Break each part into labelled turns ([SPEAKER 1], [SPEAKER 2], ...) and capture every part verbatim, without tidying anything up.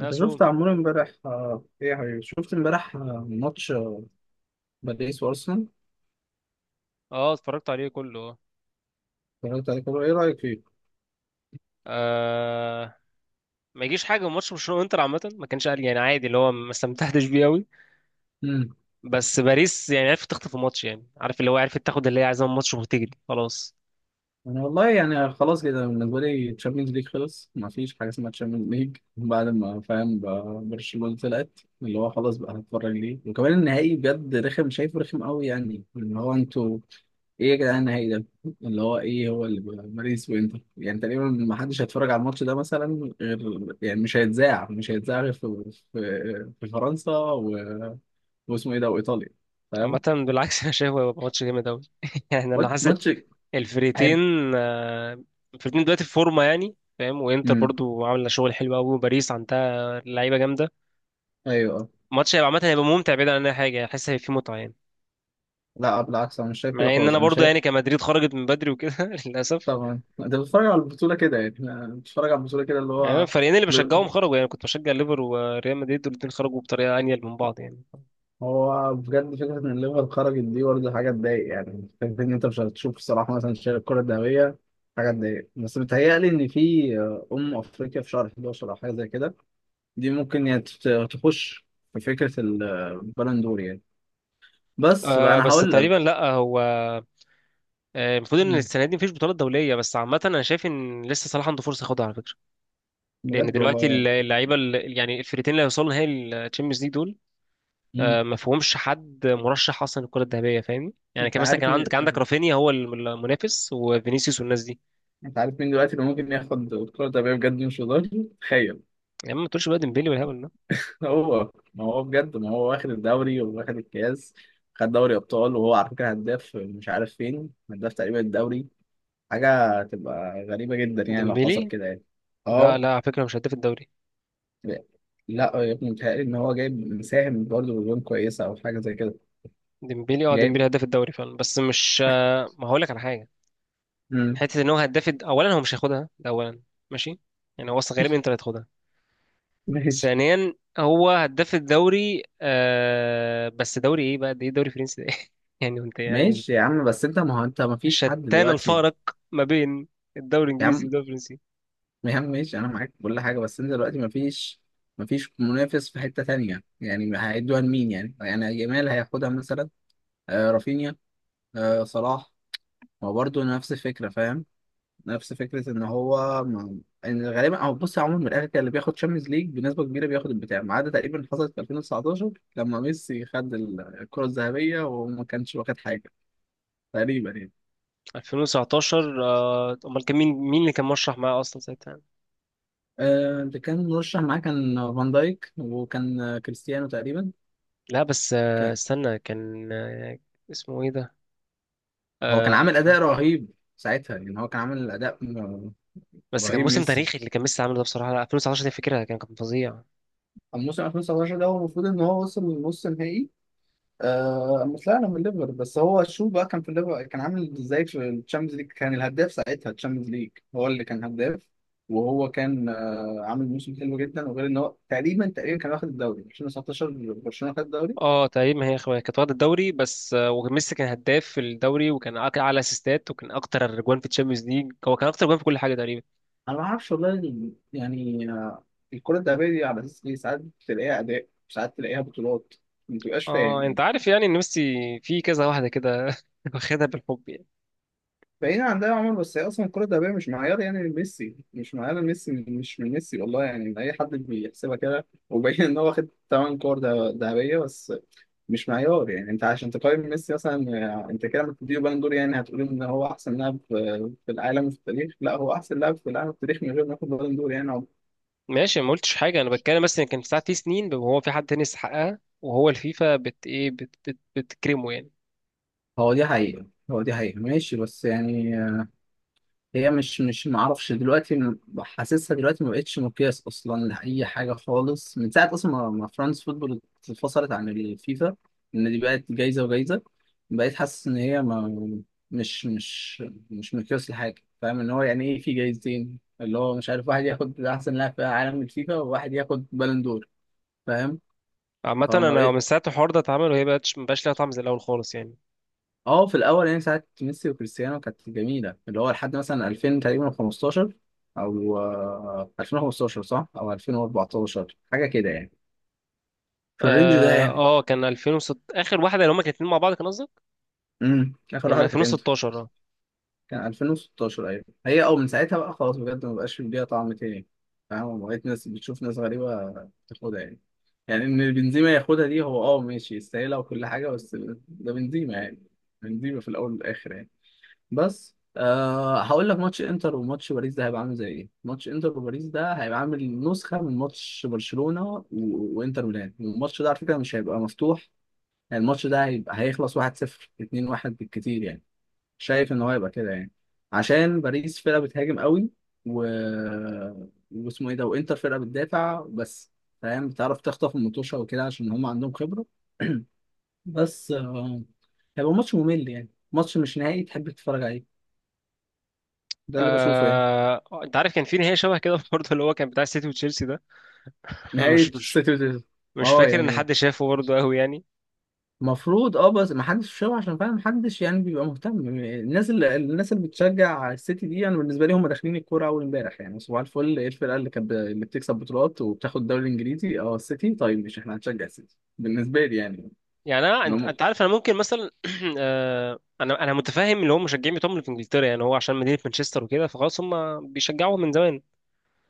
[SPEAKER 1] انت شفت عمور امبارح، آه، ايه يا حبيبي شفت امبارح آه، ماتش آه، باريس وارسنال.
[SPEAKER 2] اه، اتفرجت عليه كله. اه
[SPEAKER 1] اتفرجت عليه كله. ايه رايك فيه؟
[SPEAKER 2] آه، ما يجيش حاجه من ماتش برشلونه وانتر. عامه ما كانش قال يعني عادي، اللي هو ما استمتعتش بيه قوي.
[SPEAKER 1] امم
[SPEAKER 2] بس باريس يعني عرفت تخطف الماتش، يعني عارف، اللي هو عرفت تاخد اللي هي عايزاه من الماتش وتجري خلاص.
[SPEAKER 1] انا والله يعني خلاص كده بالنسبه لي تشامبيونز ليج خلص، ما فيش حاجه اسمها تشامبيونز ليج بعد ما فاهم بقى برشلونه طلعت. اللي هو خلاص بقى هتفرج ليه؟ وكمان النهائي بجد رخم، شايفه رخم قوي يعني. اللي هو انتوا ايه يا جدعان النهائي ده؟ اللي هو ايه، هو اللي بقى باريس وانتر، يعني تقريبا ما حدش هيتفرج على الماتش ده مثلا. غير يعني مش هيتذاع مش هيتذاع غير في في, في فرنسا و... واسمه ايه ده، وايطاليا.
[SPEAKER 2] عامه
[SPEAKER 1] فاهم.
[SPEAKER 2] بالعكس انا شايفه هيبقى ماتش جامد قوي يعني انا
[SPEAKER 1] مات-
[SPEAKER 2] حاسس
[SPEAKER 1] ماتش.
[SPEAKER 2] الفريقين،
[SPEAKER 1] هيب.
[SPEAKER 2] آه، الفريقين دلوقتي في فورمه يعني فاهم، وانتر
[SPEAKER 1] امم
[SPEAKER 2] برضو عامله شغل حلو قوي، وباريس عندها لعيبه جامده.
[SPEAKER 1] ايوه، آه.
[SPEAKER 2] الماتش هيبقى عامه هيبقى ممتع بعيد عن اي حاجه، يعني حاسس هيبقى فيه متعه يعني.
[SPEAKER 1] لا بالعكس، انا مش شايف كده
[SPEAKER 2] مع ان
[SPEAKER 1] خالص.
[SPEAKER 2] انا
[SPEAKER 1] انا
[SPEAKER 2] برضو
[SPEAKER 1] شايف،
[SPEAKER 2] يعني كمدريد خرجت من بدري وكده للاسف.
[SPEAKER 1] طبعا انت بتتفرج على البطوله كده يعني، أنا بتتفرج على البطوله كده. اللي
[SPEAKER 2] يعني أنا
[SPEAKER 1] هو
[SPEAKER 2] الفريقين اللي بشجعهم خرجوا، يعني كنت بشجع ليفر وريال مدريد، والاتنين خرجوا بطريقه انيل من بعض يعني.
[SPEAKER 1] هو بجد فكرة إن الليفر خرجت دي برضه حاجة تضايق يعني. فكرة إن أنت مش هتشوف الصراحة مثلا شايل الكرة الذهبية حاجة تضايق. بس بيتهيألي إن في آه، أم أفريقيا في شهر احد عشر أو حاجة زي كده. دي ممكن يعني تت- تخش في فكرة ال- البالندور يعني. بس بقى
[SPEAKER 2] آه
[SPEAKER 1] أنا
[SPEAKER 2] بس
[SPEAKER 1] هقول
[SPEAKER 2] تقريبا
[SPEAKER 1] لك.
[SPEAKER 2] لا، هو آه، المفروض ان
[SPEAKER 1] مم.
[SPEAKER 2] السنه دي مفيش بطولات دوليه، بس عامه انا شايف ان لسه صلاح عنده فرصه ياخدها على فكره. لان
[SPEAKER 1] بجد والله
[SPEAKER 2] دلوقتي الل-
[SPEAKER 1] يعني.
[SPEAKER 2] اللعيبه الل- يعني الفرقتين اللي هيوصلوا نهائي الشامبيونز ليج دول
[SPEAKER 1] مم.
[SPEAKER 2] آه، ما فيهمش حد مرشح اصلا الكره الذهبيه، فاهمني يعني؟
[SPEAKER 1] أنت
[SPEAKER 2] كان مثلا كان
[SPEAKER 1] عارف مين،
[SPEAKER 2] عندك عندك رافينيا، هو الم- المنافس وفينيسيوس والناس دي.
[SPEAKER 1] أنت عارف مين دلوقتي اللي ممكن ياخد الكرة الذهبية بجد، مش هزار؟ تخيل.
[SPEAKER 2] يا عم ما تقولش بقى ديمبلي والهبل ده.
[SPEAKER 1] هو ما هو بجد ما هو واخد الدوري وواخد الكاس، خد دوري ابطال، وهو على فكره هداف، مش عارف فين، هداف تقريبا الدوري. حاجه تبقى غريبه جدا يعني لو حصل
[SPEAKER 2] ديمبلي
[SPEAKER 1] كده يعني.
[SPEAKER 2] لا
[SPEAKER 1] اه.
[SPEAKER 2] لا، على فكره مش هداف الدوري.
[SPEAKER 1] لا يا ابني، متهيألي ان هو جايب مساهم برضه بجون كويسه او حاجه زي كده.
[SPEAKER 2] ديمبلي اه،
[SPEAKER 1] جايب.
[SPEAKER 2] ديمبلي هداف الدوري فعلا، بس مش آه، ما هقول لك على حاجه.
[SPEAKER 1] مم.
[SPEAKER 2] حته ان هو هداف الد- اولا هو مش هياخدها، ده اولا. ماشي، يعني هو اصلا غالبا انت اللي هتاخدها.
[SPEAKER 1] ماشي.
[SPEAKER 2] ثانيا، هو هداف الدوري آه، بس دوري ايه بقى ده؟ ايه، دوري فرنسي ده ايه؟ يعني انت يعني مش،
[SPEAKER 1] ماشي يا عم، بس انت ما هو انت ما فيش حد
[SPEAKER 2] شتان
[SPEAKER 1] دلوقتي.
[SPEAKER 2] الفارق ما بين الدوري
[SPEAKER 1] يا
[SPEAKER 2] الانجليزي
[SPEAKER 1] عم،
[SPEAKER 2] والدوري الفرنسي.
[SPEAKER 1] يا عم ماشي، انا معاك في كل حاجه، بس انت دلوقتي ما فيش، ما فيش منافس في حته تانية يعني. هيدوها لمين يعني؟ يعني جمال هياخدها مثلا؟ آه رافينيا؟ آه صلاح؟ هو برضه نفس الفكرة فاهم. نفس فكرة إن هو م- إن غالبا، أو بص عموما من الآخر، كان اللي بياخد شامبيونز ليج بنسبة كبيرة بياخد البتاع، ما عدا تقريبا حصلت في ألفين وتسعتاشر لما ميسي خد ال- الكرة الذهبية وما كانش واخد حاجة تقريبا يعني.
[SPEAKER 2] ألفين وتسعطاشر آه، امال كان مين، مين اللي كان مرشح معاه اصلا ساعتها؟
[SPEAKER 1] آه اللي كان مرشح معاه كان فان دايك وكان آه، كريستيانو تقريبا.
[SPEAKER 2] لا بس آه،
[SPEAKER 1] كان
[SPEAKER 2] استنى كان آه، اسمه ايه ده؟
[SPEAKER 1] هو كان
[SPEAKER 2] آه،
[SPEAKER 1] عامل أداء رهيب ساعتها يعني. هو كان عامل أداء م-
[SPEAKER 2] بس كان
[SPEAKER 1] رهيب
[SPEAKER 2] موسم
[SPEAKER 1] ميسي.
[SPEAKER 2] تاريخي اللي كان ميسي عامله ده بصراحه، لا ألفين وتسعطاشر دي فكرة، كان كان فظيع.
[SPEAKER 1] الموسم ألفين وتسعتاشر ده هو المفروض إن هو وصل لنص نهائي. آه مش، لا انا من الليفر، بس هو شو بقى كان في الليفر، كان عامل ازاي في الشامبيونز ليج؟ كان الهداف ساعتها، الشامبيونز ليج هو اللي كان هداف. وهو كان آه عامل موسم حلو جدا، وغير ان هو تقريبا تقريبا كان واخد الدوري ألفين وتسعتاشر، برشلونة خد الدوري.
[SPEAKER 2] اه تقريبا هي اخويا كانت واخده الدوري، بس آه، وميسي كان هداف في الدوري، وكان أك- اعلى اسيستات، وكان اكتر جوان في الشامبيونز ليج، هو كان اكتر جوان في كل حاجه تقريبا.
[SPEAKER 1] انا ما اعرفش والله ال- يعني آه الكرة الذهبية دي على اساس ايه؟ ساعات تلاقيها اداء، ساعات تلاقيها بطولات، ما تبقاش
[SPEAKER 2] اه،
[SPEAKER 1] فاهم
[SPEAKER 2] انت
[SPEAKER 1] يعني.
[SPEAKER 2] عارف يعني ان ميسي في كذا واحده كده واخدها بالحب يعني.
[SPEAKER 1] بعيد عن ده يا عمر، بس هي اصلا الكره الذهبيه مش معيار يعني. ميسي مش معيار، ميسي مش من ميسي والله يعني، من اي حد بيحسبها كده. وبين ان هو واخد ثمان كور ده- ذهبيه بس، مش معيار يعني. انت عشان تقيم ميسي مثلا، آه، انت كده لما تديله بالون دور، يعني هتقول ان هو احسن لاعب في في العالم وفي التاريخ. لا هو احسن لاعب في العالم في التاريخ من غير ما ياخد بالون دور يعني.
[SPEAKER 2] ماشي، ما قلتش حاجه، انا بتكلم بس ان كان ساعات في سنين وهو في حد تاني يستحقها، وهو الفيفا بت ايه، بت بت بتكرمه يعني.
[SPEAKER 1] هو دي حقيقة، هو دي حقيقة ماشي بس يعني، هي مش مش ما اعرفش دلوقتي م- حاسسها دلوقتي ما بقتش مقياس اصلا لاي حاجه خالص من ساعه اصلا ما ما فرانس فوتبول اتفصلت عن الفيفا. ان دي بقت جايزه وجايزه، بقيت حاسس ان هي ما مش مش مش مقياس لحاجه، فاهم. ان هو يعني ايه؟ في جايزتين اللي هو مش عارف، واحد ياخد احسن لاعب في عالم الفيفا، وواحد ياخد بالون دور. فاهم.
[SPEAKER 2] عامة
[SPEAKER 1] فما
[SPEAKER 2] أنا
[SPEAKER 1] بقيت،
[SPEAKER 2] من ساعة الحوار ده اتعمل، وهي بقتش، مبقاش ليها طعم زي الأول خالص يعني.
[SPEAKER 1] اه في الاول يعني ساعه ميسي وكريستيانو كانت جميله، اللي هو لحد مثلا ألفين تقريبا خمستاشر، او آه، ألفين وخمستاشر صح، او ألفين واربعة عشر حاجه كده يعني. في الرينج ده
[SPEAKER 2] اه
[SPEAKER 1] يعني.
[SPEAKER 2] آه، كان ألفين وست اخر واحده اللي هما كانوا اتنين مع بعض، كان قصدك؟
[SPEAKER 1] امم اخر
[SPEAKER 2] كان
[SPEAKER 1] واحده كانت امتى؟
[SPEAKER 2] ألفين وستاشر اه.
[SPEAKER 1] كان ألفين وستة عشر ايوه. هي او من ساعتها بقى خلاص بجد ما بقاش ليها طعم تاني، فاهم. بقيت ناس بتشوف ناس غريبه تاخدها يعني. يعني ان بنزيما ياخدها دي، هو اه ماشي يستاهلها وكل حاجه، بس ده بنزيما يعني، بنزيما في الاول والاخر يعني. بس أه هقول لك، ماتش انتر وماتش باريس ده هيبقى عامل زي ايه؟ ماتش انتر وباريس ده هيبقى عامل نسخه من ماتش برشلونه و... وانتر ميلان. الماتش ده على فكره مش هيبقى مفتوح. يعني الماتش ده هيبقى هيخلص واحد صفر اتنين واحد بالكتير يعني، شايف ان هو هيبقى كده يعني. عشان باريس فرقه بتهاجم قوي و... واسمه ايه ده، وانتر فرقه بتدافع بس، فاهم، بتعرف تخطف المطوشه وكده عشان هم عندهم خبره. بس آه، هيبقى ماتش ممل يعني، ماتش مش نهائي تحب تتفرج. ده اللي بشوفه يعني.
[SPEAKER 2] آه، انت عارف كان في نهايه شبه كده برضه، اللي هو كان بتاع السيتي وتشيلسي ده.
[SPEAKER 1] نهاية
[SPEAKER 2] مش مش
[SPEAKER 1] السيتويشن.
[SPEAKER 2] مش
[SPEAKER 1] اه
[SPEAKER 2] فاكر ان
[SPEAKER 1] يعني
[SPEAKER 2] حد شافه برضه قوي يعني.
[SPEAKER 1] المفروض اه، بس ما حدش شافه عشان فعلا ما حدش يعني بيبقى مهتم. الناس اللي الناس اللي بتشجع السيتي دي انا بالنسبه لي هم داخلين الكوره اول امبارح يعني. صباح الفل، ايه الفرقه اللي كانت ب- اللي بتكسب بطولات وبتاخد الدوري الانجليزي؟ اه السيتي. طيب مش احنا هنشجع السيتي بالنسبه لي يعني.
[SPEAKER 2] يعني انا،
[SPEAKER 1] اللي
[SPEAKER 2] انت
[SPEAKER 1] هم،
[SPEAKER 2] أنت عارف انا ممكن مثلا آه، انا انا متفاهم اللي هو مشجعين بتوعهم اللي في انجلترا، يعني هو عشان مدينه مانشستر وكده، فخلاص هم بيشجعوهم من زمان.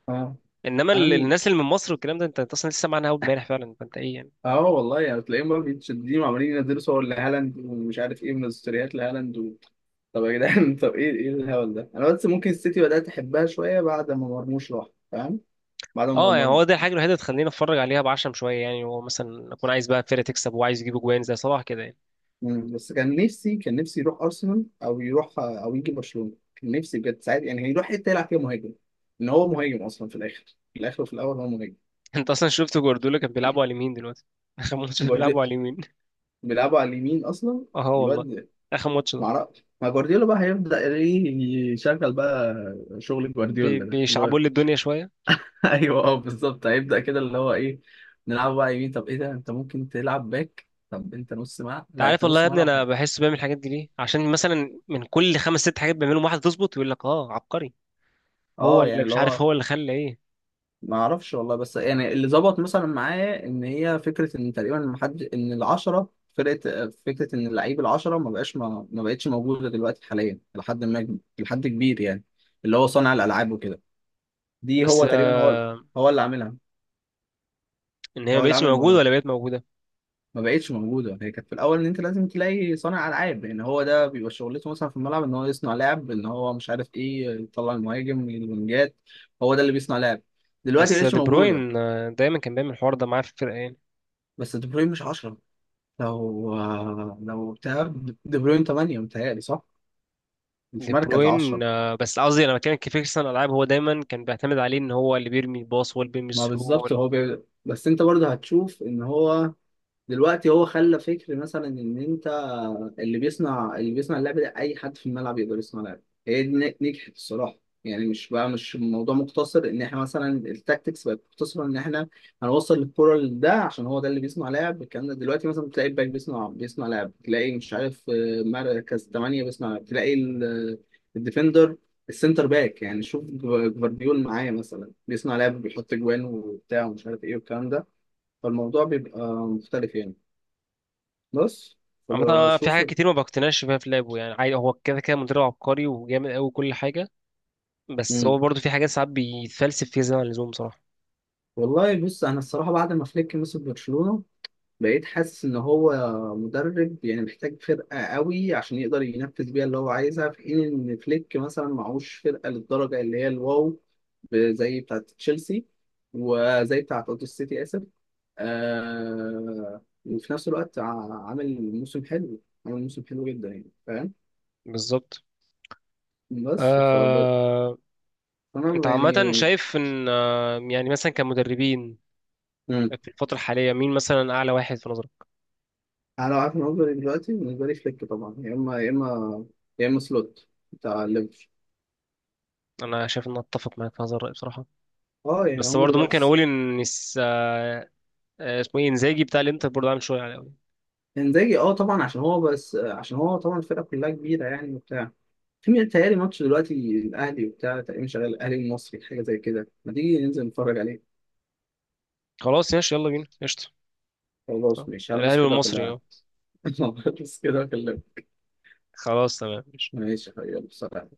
[SPEAKER 1] اه،
[SPEAKER 2] انما ال-
[SPEAKER 1] انا
[SPEAKER 2] الناس اللي من مصر والكلام ده، انت أنت اصلا لسه معانا اول امبارح فعلا، فانت ايه يعني؟
[SPEAKER 1] اه والله يعني تلاقيهم بقى متشددين وعمالين ينزلوا صور لهالاند ومش عارف ايه من ستوريات لهالاند و... طب يا جدعان طب ايه ايه الهبل ده؟ انا بس ممكن السيتي بدأت احبها شوية بعد ما مرموش راح، فاهم، بعد ما
[SPEAKER 2] اه، يعني
[SPEAKER 1] مرموش.
[SPEAKER 2] هو ده الحاجه الوحيده اللي تخليني اتفرج عليها بعشم شويه يعني، هو مثلا اكون عايز بقى فرقه تكسب وعايز يجيبوا جوان زي صلاح كده يعني.
[SPEAKER 1] مم. بس كان نفسي، كان نفسي يروح ارسنال او يروح او يجي برشلونة، كان نفسي بجد ساعات يعني هيروح حتة يلعب فيها مهاجم، ان هو مهاجم اصلا في الاخر. في الاخر وفي الاول هو مهاجم.
[SPEAKER 2] انت اصلا شفت جوارديولا كان بيلعبوا على اليمين دلوقتي؟ اخر ماتش ده بيلعبوا على
[SPEAKER 1] جوارديولا
[SPEAKER 2] اليمين.
[SPEAKER 1] بيلعبوا على اليمين اصلا.
[SPEAKER 2] اه والله،
[SPEAKER 1] الواد،
[SPEAKER 2] اخر ماتش ده
[SPEAKER 1] معرفش ما جوارديولا بقى هيبدأ ايه يشغل بقى؟ شغل
[SPEAKER 2] بي-
[SPEAKER 1] جوارديولا ده اللي هو
[SPEAKER 2] بيشعبوا لي الدنيا شويه.
[SPEAKER 1] ايوه اه بالظبط هيبدأ كده اللي هو ايه، نلعب بقى يمين؟ طب ايه ده؟ انت ممكن تلعب باك، طب انت نص ملعب،
[SPEAKER 2] انت
[SPEAKER 1] لا
[SPEAKER 2] عارف
[SPEAKER 1] انت
[SPEAKER 2] والله يا
[SPEAKER 1] نص
[SPEAKER 2] ابني
[SPEAKER 1] ملعب
[SPEAKER 2] انا
[SPEAKER 1] حلو.
[SPEAKER 2] بحس بعمل الحاجات دي ليه؟ عشان مثلا من كل خمس ست حاجات بيعملهم واحده تظبط، يقول لك اه عبقري. هو
[SPEAKER 1] اه
[SPEAKER 2] اللي
[SPEAKER 1] يعني اللي
[SPEAKER 2] مش عارف
[SPEAKER 1] هو،
[SPEAKER 2] هو اللي خلى ايه.
[SPEAKER 1] ما اعرفش والله، بس يعني اللي ظبط مثلا معايا ان هي فكره ان تقريبا ما حد، ان العشره فرقه، فكره ان اللعيب العشره ما بقاش ما, ما بقتش موجوده دلوقتي حاليا، لحد ما لحد كبير يعني. اللي هو صانع الالعاب وكده، دي
[SPEAKER 2] بس
[SPEAKER 1] هو تقريبا هو،
[SPEAKER 2] آه
[SPEAKER 1] هو اللي عاملها،
[SPEAKER 2] ان هي ما
[SPEAKER 1] هو اللي
[SPEAKER 2] بقتش
[SPEAKER 1] عامل
[SPEAKER 2] موجوده،
[SPEAKER 1] الموضوع ده.
[SPEAKER 2] ولا بقت موجوده.
[SPEAKER 1] ما بقتش موجوده. هي كانت في الاول ان انت لازم تلاقي صانع العاب، لان هو ده بيبقى شغلته مثلا في الملعب ان هو يصنع لعب. ان هو مش عارف ايه، يطلع المهاجم الونجات، هو ده اللي بيصنع لعب. دلوقتي
[SPEAKER 2] بس
[SPEAKER 1] مبقتش
[SPEAKER 2] دي
[SPEAKER 1] موجوده.
[SPEAKER 2] بروين آه، دايما كان بيعمل الحوار ده معاه في الفرقه يعني.
[SPEAKER 1] بس دي بروين مش عشرة، لو، لو بتاع، دي بروين تمانية متهيألي صح، مش
[SPEAKER 2] دي
[SPEAKER 1] مركز عشرة.
[SPEAKER 2] بروين آه، بس قصدي انا بتكلم كفيكسن العاب، هو دايما كان بيعتمد عليه ان هو اللي بيرمي الباص، هو اللي بيرمي
[SPEAKER 1] ما
[SPEAKER 2] الثرو، هو
[SPEAKER 1] بالظبط،
[SPEAKER 2] اللي-
[SPEAKER 1] هو بي... بس انت برضه هتشوف ان هو دلوقتي، هو خلى فكر مثلا ان انت اللي بيصنع اللي بيصنع اللعبه دي، اي حد في الملعب يقدر يصنع لعبه. هي دي ن- نجحت الصراحه يعني. مش بقى مش الموضوع مقتصر ان احنا مثلا التاكتكس بقت مقتصره ان احنا هنوصل الكره لده عشان هو ده اللي بيصنع لعب. الكلام ده دلوقتي مثلا تلاقي الباك بيصنع بيصنع لعب، تلاقي مش عارف آه، مركز تمانية بيصنع لعب، تلاقي ال- الديفندر، السنتر باك يعني. شوف جف- جفارديول معايا مثلا بيصنع لعب، بيحط جوان وبتاع ومش عارف ايه والكلام ده. فالموضوع بيبقى مختلف يعني. بس، طب،
[SPEAKER 2] عامة في
[SPEAKER 1] شوف.
[SPEAKER 2] حاجات كتير ما بقتنعش بيها في لعبه يعني، عادي هو كده كده مدرب عبقري وجامد قوي كل حاجة. بس
[SPEAKER 1] مم.
[SPEAKER 2] هو برضه في حاجات ساعات بيتفلسف فيها زي ما اللزوم، بصراحة.
[SPEAKER 1] والله بص انا الصراحه بعد ما فليك مسك برشلونه، بقيت حاسس ان هو مدرب يعني محتاج فرقه قوي عشان يقدر ينفذ بيها اللي هو عايزها، في حين ان فليك مثلا معهوش فرقه للدرجه اللي هي الواو، ب- زي بتاعه تشيلسي وزي بتاعه اوتو سيتي، اسف، آه. وفي نفس الوقت ع- عامل موسم حلو، عامل موسم حلو جدا يعني فاهم.
[SPEAKER 2] بالظبط.
[SPEAKER 1] بس فب...
[SPEAKER 2] آه...
[SPEAKER 1] فانا
[SPEAKER 2] انت عامة
[SPEAKER 1] يعني،
[SPEAKER 2] شايف ان آه... يعني مثلا كمدربين في الفترة الحالية، مين مثلا أعلى واحد في نظرك؟
[SPEAKER 1] انا لو عارف ان اوبري دلوقتي بالنسبه لي فليك طبعا، يا اما يا اما يا اما سلوت بتاع ليفر.
[SPEAKER 2] أنا شايف إن أتفق معاك في هذا الرأي بصراحة.
[SPEAKER 1] اه يعني
[SPEAKER 2] بس
[SPEAKER 1] هم
[SPEAKER 2] برضه ممكن
[SPEAKER 1] دلوقتي.
[SPEAKER 2] أقول إن س- آه، آه، اسمه إيه، إنزاجي بتاع الإنتر برضه عامل شغل.
[SPEAKER 1] انزاجي اه طبعا، عشان هو بس عشان هو طبعا الفرقه كلها كبيره يعني وبتاع. في مين- تهيألي ماتش دلوقتي الاهلي وبتاع تقريبا شغال الاهلي المصري حاجه زي كده، ما تيجي ننزل نتفرج عليه؟
[SPEAKER 2] خلاص ياش، يلا بينا قشطة. آه.
[SPEAKER 1] خلاص ماشي هلبس
[SPEAKER 2] الأهلي
[SPEAKER 1] كده
[SPEAKER 2] والمصري
[SPEAKER 1] واكلمك.
[SPEAKER 2] اه.
[SPEAKER 1] هلبس كده واكلمك.
[SPEAKER 2] خلاص تمام.
[SPEAKER 1] ماشي يا حبيبي، يلا، سلام.